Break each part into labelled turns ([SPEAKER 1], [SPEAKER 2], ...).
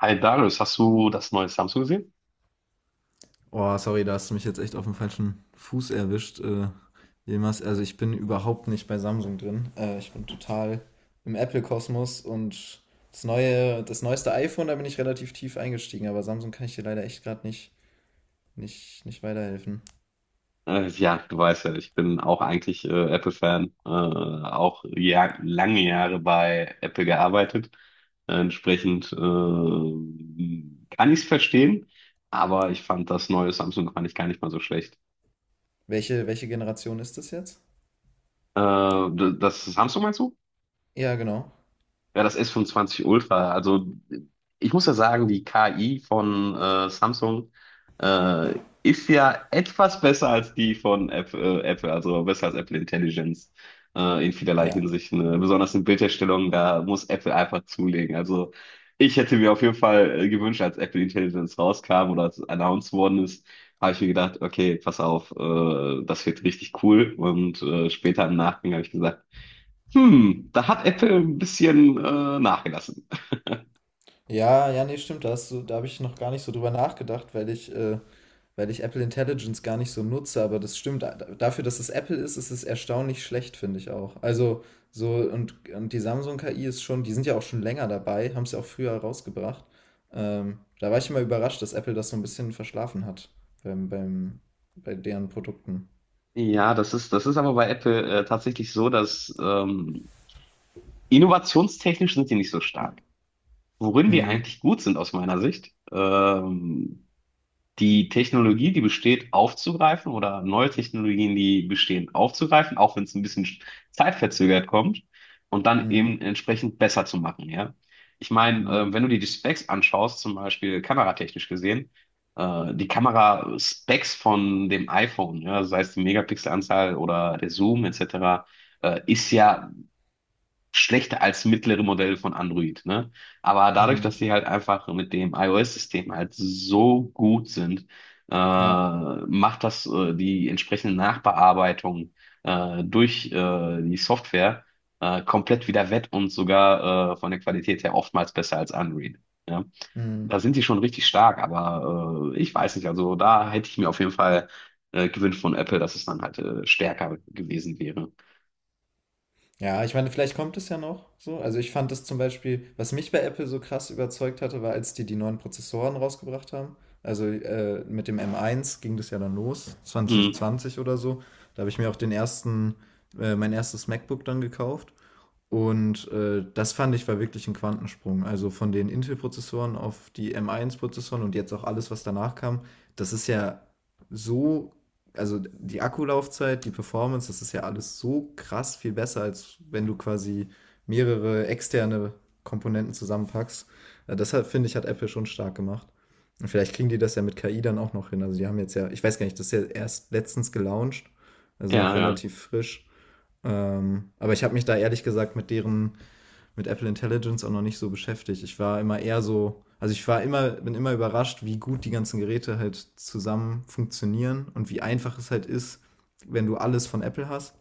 [SPEAKER 1] Hi Darius, hast du das neue Samsung gesehen?
[SPEAKER 2] Oh, sorry, da hast du mich jetzt echt auf dem falschen Fuß erwischt. Jemals, also ich bin überhaupt nicht bei Samsung drin. Ich bin total im Apple-Kosmos und das neue, das neueste iPhone, da bin ich relativ tief eingestiegen, aber Samsung kann ich dir leider echt gerade nicht, nicht weiterhelfen.
[SPEAKER 1] Ja, du weißt ja, ich bin auch eigentlich Apple-Fan, auch ja, lange Jahre bei Apple gearbeitet. Entsprechend kann ich es verstehen, aber ich fand das neue Samsung fand ich gar nicht mal so schlecht.
[SPEAKER 2] Welche Generation ist das jetzt?
[SPEAKER 1] Äh, das Samsung meinst du?
[SPEAKER 2] Ja, genau.
[SPEAKER 1] Ja, das S25 Ultra. Also ich muss ja sagen, die KI von Samsung ist ja etwas besser als die von Apple, also besser als Apple Intelligence in vielerlei
[SPEAKER 2] Ja.
[SPEAKER 1] Hinsicht. Ne? Besonders in Bildherstellung, da muss Apple einfach zulegen. Also ich hätte mir auf jeden Fall gewünscht, als Apple Intelligence rauskam oder als announced worden ist, habe ich mir gedacht, okay, pass auf, das wird richtig cool. Und später im Nachgang habe ich gesagt, da hat Apple ein bisschen nachgelassen.
[SPEAKER 2] Ja, ja, nee, stimmt, da hast du, da habe ich noch gar nicht so drüber nachgedacht, weil ich Apple Intelligence gar nicht so nutze, aber das stimmt. Dafür, dass es Apple ist, ist es erstaunlich schlecht, finde ich auch. Also so, und die Samsung-KI ist schon, die sind ja auch schon länger dabei, haben es ja auch früher rausgebracht. Da war ich immer überrascht, dass Apple das so ein bisschen verschlafen hat beim, beim, bei deren Produkten.
[SPEAKER 1] Ja, das ist aber bei Apple tatsächlich so, dass innovationstechnisch sind die nicht so stark. Worin die
[SPEAKER 2] Hm,
[SPEAKER 1] eigentlich gut sind aus meiner Sicht, die Technologie, die besteht, aufzugreifen oder neue Technologien, die bestehen, aufzugreifen, auch wenn es ein bisschen zeitverzögert kommt und dann
[SPEAKER 2] hm,
[SPEAKER 1] eben entsprechend besser zu machen, ja. Ich meine,
[SPEAKER 2] hm,
[SPEAKER 1] wenn du dir die Specs anschaust, zum Beispiel kameratechnisch gesehen, die Kamera-Specs von dem iPhone, ja, sei es die Megapixelanzahl oder der Zoom etc., ist ja schlechter als mittlere Modell von Android, ne? Aber dadurch,
[SPEAKER 2] hm.
[SPEAKER 1] dass sie halt einfach mit dem iOS-System halt so gut sind,
[SPEAKER 2] Ja.
[SPEAKER 1] macht das die entsprechende Nachbearbeitung durch die Software komplett wieder wett und sogar von der Qualität her oftmals besser als Android. Ja?
[SPEAKER 2] Hm.
[SPEAKER 1] Da sind die schon richtig stark, aber ich weiß nicht, also da hätte ich mir auf jeden Fall gewünscht von Apple, dass es dann halt stärker gewesen wäre.
[SPEAKER 2] Ja, ich meine, vielleicht kommt es ja noch so. Also ich fand das zum Beispiel, was mich bei Apple so krass überzeugt hatte, war, als die neuen Prozessoren rausgebracht haben. Also mit dem M1 ging das ja dann los,
[SPEAKER 1] Hm,
[SPEAKER 2] 2020 oder so. Da habe ich mir auch den ersten, mein erstes MacBook dann gekauft. Und, das fand ich war wirklich ein Quantensprung. Also, von den Intel-Prozessoren auf die M1-Prozessoren und jetzt auch alles, was danach kam, das ist ja so, also, die Akkulaufzeit, die Performance, das ist ja alles so krass viel besser, als wenn du quasi mehrere externe Komponenten zusammenpackst. Das finde ich, hat Apple schon stark gemacht. Und vielleicht kriegen die das ja mit KI dann auch noch hin. Also, die haben jetzt ja, ich weiß gar nicht, das ist ja erst letztens gelauncht, also
[SPEAKER 1] ja,
[SPEAKER 2] noch
[SPEAKER 1] ja.
[SPEAKER 2] relativ frisch. Aber ich habe mich da ehrlich gesagt mit deren, mit Apple Intelligence auch noch nicht so beschäftigt. Ich war immer eher so, also ich war immer, bin immer überrascht, wie gut die ganzen Geräte halt zusammen funktionieren und wie einfach es halt ist, wenn du alles von Apple hast.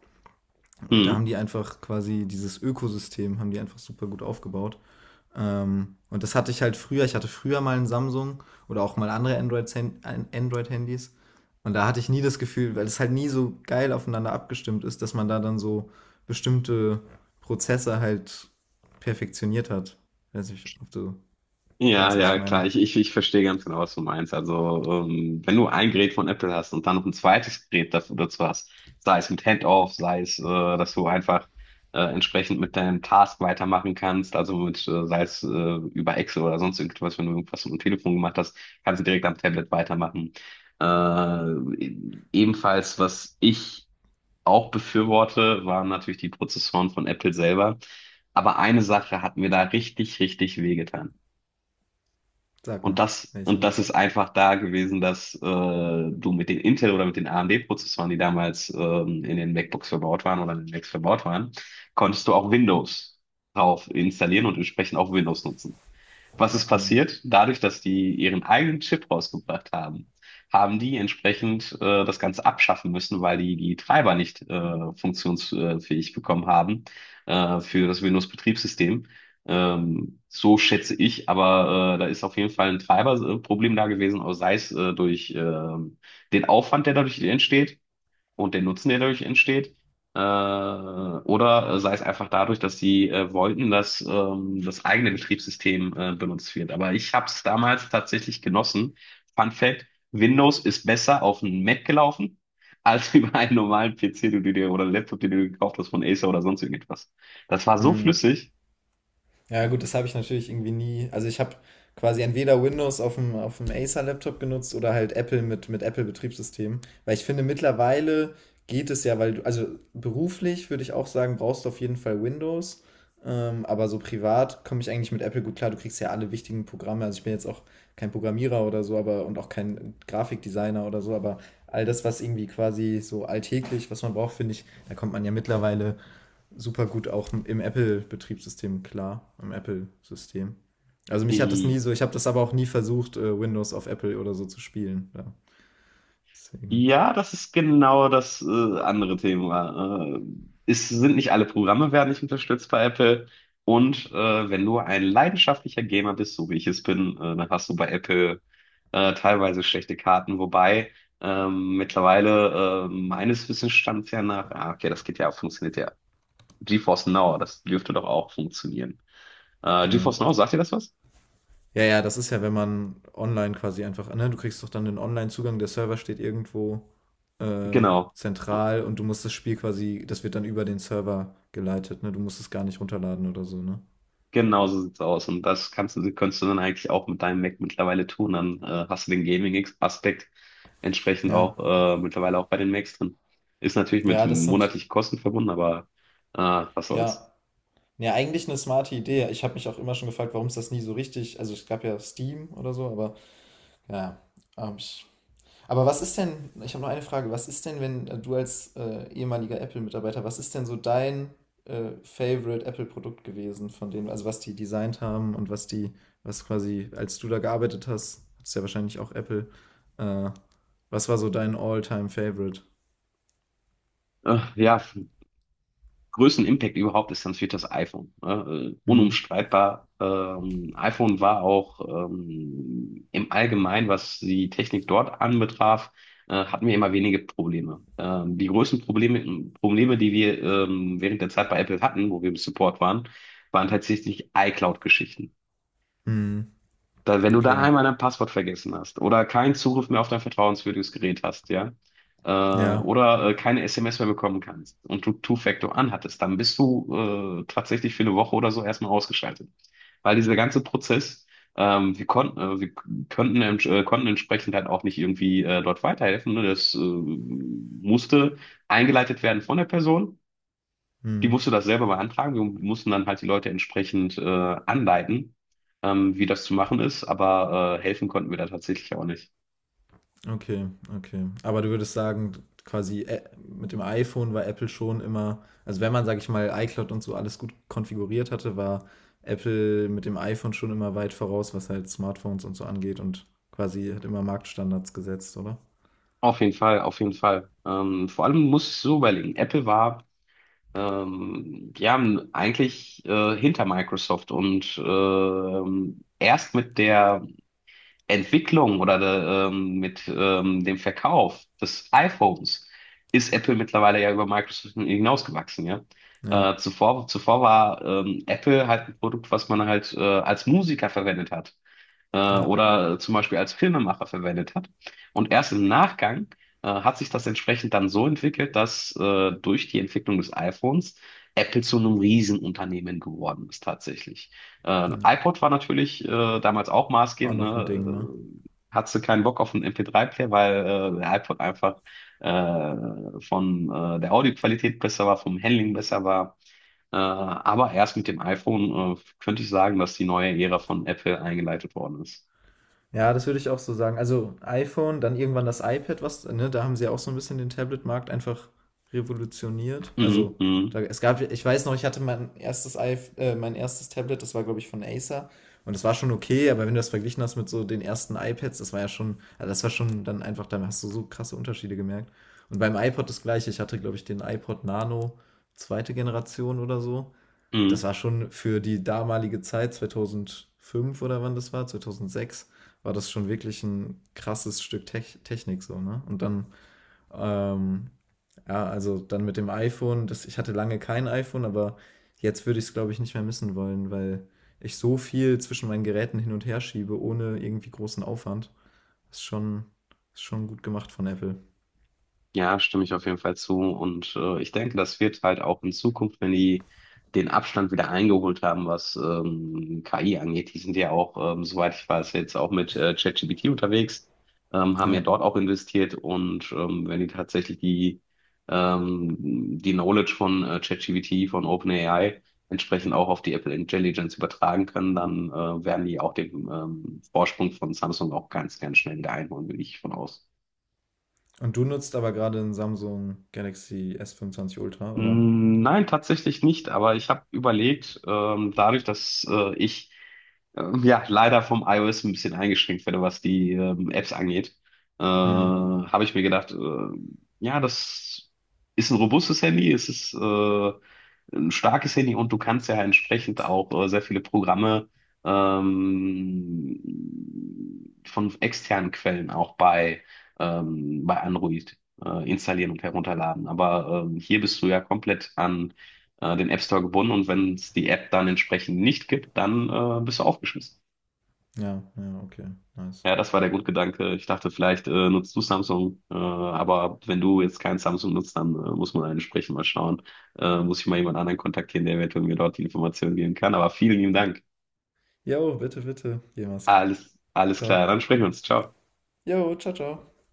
[SPEAKER 2] Da
[SPEAKER 1] Hm.
[SPEAKER 2] haben die einfach quasi dieses Ökosystem, haben die einfach super gut aufgebaut. Und das hatte ich halt früher. Ich hatte früher mal ein Samsung oder auch mal andere Android-Handys. Und da hatte ich nie das Gefühl, weil es halt nie so geil aufeinander abgestimmt ist, dass man da dann so bestimmte Prozesse halt perfektioniert hat. Weiß nicht, ob du
[SPEAKER 1] Ja,
[SPEAKER 2] weißt, was ich
[SPEAKER 1] ja, klar.
[SPEAKER 2] meine.
[SPEAKER 1] Ich verstehe ganz genau, was du meinst. Also, wenn du ein Gerät von Apple hast und dann noch ein zweites Gerät dafür, dazu hast, sei es mit Handoff, sei es, dass du einfach entsprechend mit deinem Task weitermachen kannst, also mit, sei es über Excel oder sonst irgendwas, wenn du irgendwas mit dem Telefon gemacht hast, kannst du direkt am Tablet weitermachen. Äh, ebenfalls, was ich auch befürworte, waren natürlich die Prozessoren von Apple selber. Aber eine Sache hat mir da richtig, richtig wehgetan.
[SPEAKER 2] Sag
[SPEAKER 1] Und
[SPEAKER 2] mal,
[SPEAKER 1] das, und
[SPEAKER 2] welche.
[SPEAKER 1] das ist einfach da gewesen, dass du mit den Intel oder mit den AMD-Prozessoren, die damals in den MacBooks verbaut waren oder in den Macs verbaut waren, konntest du auch Windows drauf installieren und entsprechend auch Windows nutzen. Was ist
[SPEAKER 2] Hm.
[SPEAKER 1] passiert? Dadurch, dass die ihren eigenen Chip rausgebracht haben, haben die entsprechend das Ganze abschaffen müssen, weil die die Treiber nicht funktionsfähig bekommen haben für das Windows-Betriebssystem. So schätze ich, aber da ist auf jeden Fall ein Treiberproblem da gewesen, auch sei es durch den Aufwand, der dadurch entsteht, und den Nutzen, der dadurch entsteht. Oder sei es einfach dadurch, dass sie wollten, dass das eigene Betriebssystem benutzt wird. Aber ich habe es damals tatsächlich genossen. Fun Fact, Windows ist besser auf einem Mac gelaufen, als über einen normalen PC, den du dir oder Laptop, den du dir gekauft hast von Acer oder sonst irgendetwas. Das war so
[SPEAKER 2] Hm.
[SPEAKER 1] flüssig.
[SPEAKER 2] Ja, gut, das habe ich natürlich irgendwie nie. Also ich habe quasi entweder Windows auf dem Acer-Laptop genutzt oder halt Apple mit Apple-Betriebssystem. Weil ich finde, mittlerweile geht es ja, weil du, also beruflich würde ich auch sagen, brauchst du auf jeden Fall Windows. Aber so privat komme ich eigentlich mit Apple gut klar. Du kriegst ja alle wichtigen Programme. Also ich bin jetzt auch kein Programmierer oder so, aber und auch kein Grafikdesigner oder so, aber all das, was irgendwie quasi so alltäglich, was man braucht, finde ich, da kommt man ja mittlerweile super gut auch im Apple-Betriebssystem klar, im Apple-System. Also mich hat das nie so, ich habe das aber auch nie versucht, Windows auf Apple oder so zu spielen. Ja. Deswegen,
[SPEAKER 1] Ja, das ist genau das andere Thema. Es sind nicht alle Programme werden nicht unterstützt bei Apple. Und wenn du ein leidenschaftlicher Gamer bist, so wie ich es bin, dann hast du bei Apple teilweise schlechte Karten. Wobei mittlerweile meines Wissensstands ja nach, ah, okay, das geht ja, funktioniert ja. GeForce Now, das dürfte doch auch funktionieren.
[SPEAKER 2] ja.
[SPEAKER 1] GeForce Now, sagt dir das was?
[SPEAKER 2] Ja, ja, das ist ja, wenn man online quasi einfach, ne, du kriegst doch dann den Online-Zugang, der Server steht irgendwo äh,
[SPEAKER 1] Genau.
[SPEAKER 2] zentral und du musst das Spiel quasi, das wird dann über den Server geleitet, ne? Du musst es gar nicht runterladen oder so, ne?
[SPEAKER 1] Genau so sieht's aus. Und das kannst du, könntest du dann eigentlich auch mit deinem Mac mittlerweile tun. Dann hast du den Gaming-Aspekt entsprechend
[SPEAKER 2] Ja.
[SPEAKER 1] auch mittlerweile auch bei den Macs drin. Ist natürlich mit
[SPEAKER 2] Ja, das hat,
[SPEAKER 1] monatlichen Kosten verbunden, aber was soll's.
[SPEAKER 2] ja, ja, eigentlich eine smarte Idee. Ich habe mich auch immer schon gefragt, warum es das nie so richtig. Also es gab ja Steam oder so, aber ja. Ähm, ich, aber was ist denn, ich habe noch eine Frage, was ist denn, wenn du als ehemaliger Apple-Mitarbeiter, was ist denn so dein Favorite Apple-Produkt gewesen, von denen, also was die designt haben und was die, was quasi, als du da gearbeitet hast, hattest ja wahrscheinlich auch Apple, äh, was war so dein All-Time-Favorite?
[SPEAKER 1] Ja, größten Impact überhaupt ist, dann fehlt das iPhone. Ne? Äh,
[SPEAKER 2] Hm,
[SPEAKER 1] unumstreitbar. iPhone war auch im Allgemeinen, was die Technik dort anbetraf, hatten wir immer wenige Probleme. Die größten Probleme, die wir während der Zeit bei Apple hatten, wo wir im Support waren, waren tatsächlich iCloud-Geschichten.
[SPEAKER 2] hm,
[SPEAKER 1] Da, wenn du da
[SPEAKER 2] okay.
[SPEAKER 1] einmal dein Passwort vergessen hast oder keinen Zugriff mehr auf dein vertrauenswürdiges Gerät hast, ja, äh,
[SPEAKER 2] Ja.
[SPEAKER 1] oder äh, keine SMS mehr bekommen kannst und du Two-Factor anhattest, dann bist du tatsächlich für eine Woche oder so erstmal ausgeschaltet. Weil dieser ganze Prozess, wir konnten, wir könnten, ents- konnten entsprechend halt auch nicht irgendwie dort weiterhelfen. Ne? Das musste eingeleitet werden von der Person. Die
[SPEAKER 2] Hm.
[SPEAKER 1] musste das selber beantragen. Wir mussten dann halt die Leute entsprechend anleiten, wie das zu machen ist. Aber helfen konnten wir da tatsächlich auch nicht.
[SPEAKER 2] Okay, okay. Aber du würdest sagen, quasi mit dem iPhone war Apple schon immer, also wenn man, sag ich mal, iCloud und so alles gut konfiguriert hatte, war Apple mit dem iPhone schon immer weit voraus, was halt Smartphones und so angeht und quasi hat immer Marktstandards gesetzt, oder?
[SPEAKER 1] Auf jeden Fall, auf jeden Fall. Vor allem muss ich so überlegen. Apple war, die haben eigentlich hinter Microsoft und erst mit der Entwicklung oder mit dem Verkauf des iPhones ist Apple mittlerweile ja über Microsoft hinausgewachsen, ja.
[SPEAKER 2] Ja,
[SPEAKER 1] Zuvor war Apple halt ein Produkt, was man halt als Musiker verwendet hat
[SPEAKER 2] ja,
[SPEAKER 1] oder zum Beispiel als Filmemacher verwendet hat. Und erst im Nachgang hat sich das entsprechend dann so entwickelt, dass durch die Entwicklung des iPhones Apple zu einem Riesenunternehmen geworden ist tatsächlich.
[SPEAKER 2] ja.
[SPEAKER 1] iPod war natürlich damals auch
[SPEAKER 2] Auch
[SPEAKER 1] maßgebend,
[SPEAKER 2] noch ein
[SPEAKER 1] ne?
[SPEAKER 2] Ding, ne?
[SPEAKER 1] Hatte keinen Bock auf einen MP3-Player, weil der iPod einfach äh, von der Audioqualität besser war, vom Handling besser war. Aber erst mit dem iPhone könnte ich sagen, dass die neue Ära von Apple eingeleitet worden ist.
[SPEAKER 2] Ja, das würde ich auch so sagen. Also iPhone, dann irgendwann das iPad, was, ne, da haben sie ja auch so ein bisschen den Tablet-Markt einfach revolutioniert.
[SPEAKER 1] Mhm,
[SPEAKER 2] Also, da,
[SPEAKER 1] mhm,
[SPEAKER 2] es gab, ich weiß noch, ich hatte mein erstes iPh mein erstes Tablet, das war, glaube ich, von Acer. Und das war schon okay, aber wenn du das verglichen hast mit so den ersten iPads, das war ja schon, also das war schon dann einfach, da hast du so krasse Unterschiede gemerkt. Und beim iPod das gleiche, ich hatte, glaube ich, den iPod Nano zweite Generation oder so, das
[SPEAKER 1] mhm.
[SPEAKER 2] war schon für die damalige Zeit, 2005 oder wann das war, 2006, war das schon wirklich ein krasses Stück Technik so, ne? Und dann, ähm, ja, also dann mit dem iPhone, das, ich hatte lange kein iPhone, aber jetzt würde ich es, glaube ich, nicht mehr missen wollen, weil ich so viel zwischen meinen Geräten hin und her schiebe, ohne irgendwie großen Aufwand. Ist schon, ist schon gut gemacht von Apple.
[SPEAKER 1] Ja, stimme ich auf jeden Fall zu. Und ich denke, das wird halt auch in Zukunft, wenn die den Abstand wieder eingeholt haben, was KI angeht, die sind ja auch, soweit ich weiß, jetzt auch mit ChatGPT unterwegs, haben ja
[SPEAKER 2] Ja.
[SPEAKER 1] dort auch investiert. Und wenn die tatsächlich ähm, die Knowledge von ChatGPT, von OpenAI, entsprechend auch auf die Apple Intelligence übertragen können, dann werden die auch den Vorsprung von Samsung auch ganz, ganz schnell wieder einholen, bin ich von aus.
[SPEAKER 2] Und du nutzt aber gerade ein Samsung Galaxy S25 Ultra, oder?
[SPEAKER 1] Mm, nein, tatsächlich nicht, aber ich habe überlegt, dadurch, dass ich ja leider vom iOS ein bisschen eingeschränkt werde, was die Apps angeht,
[SPEAKER 2] Hm.
[SPEAKER 1] habe ich mir gedacht, ja, das ist ein robustes Handy, es ist ein starkes Handy und du kannst ja entsprechend auch sehr viele Programme von externen Quellen auch bei Android installieren und herunterladen. Aber hier bist du ja komplett an den App Store gebunden und wenn es die App dann entsprechend nicht gibt, dann bist du aufgeschmissen.
[SPEAKER 2] Ja, ja, okay, nice.
[SPEAKER 1] Ja, das war der Grundgedanke. Ich dachte, vielleicht nutzt du Samsung, aber wenn du jetzt kein Samsung nutzt, dann muss man entsprechend mal schauen. Muss ich mal jemand anderen kontaktieren, der eventuell mir dort die Informationen geben kann. Aber vielen lieben Dank.
[SPEAKER 2] Jo, bitte, bitte, jemals.
[SPEAKER 1] Alles, alles klar.
[SPEAKER 2] Ciao.
[SPEAKER 1] Dann sprechen wir uns. Ciao.
[SPEAKER 2] Jo, ciao, ciao.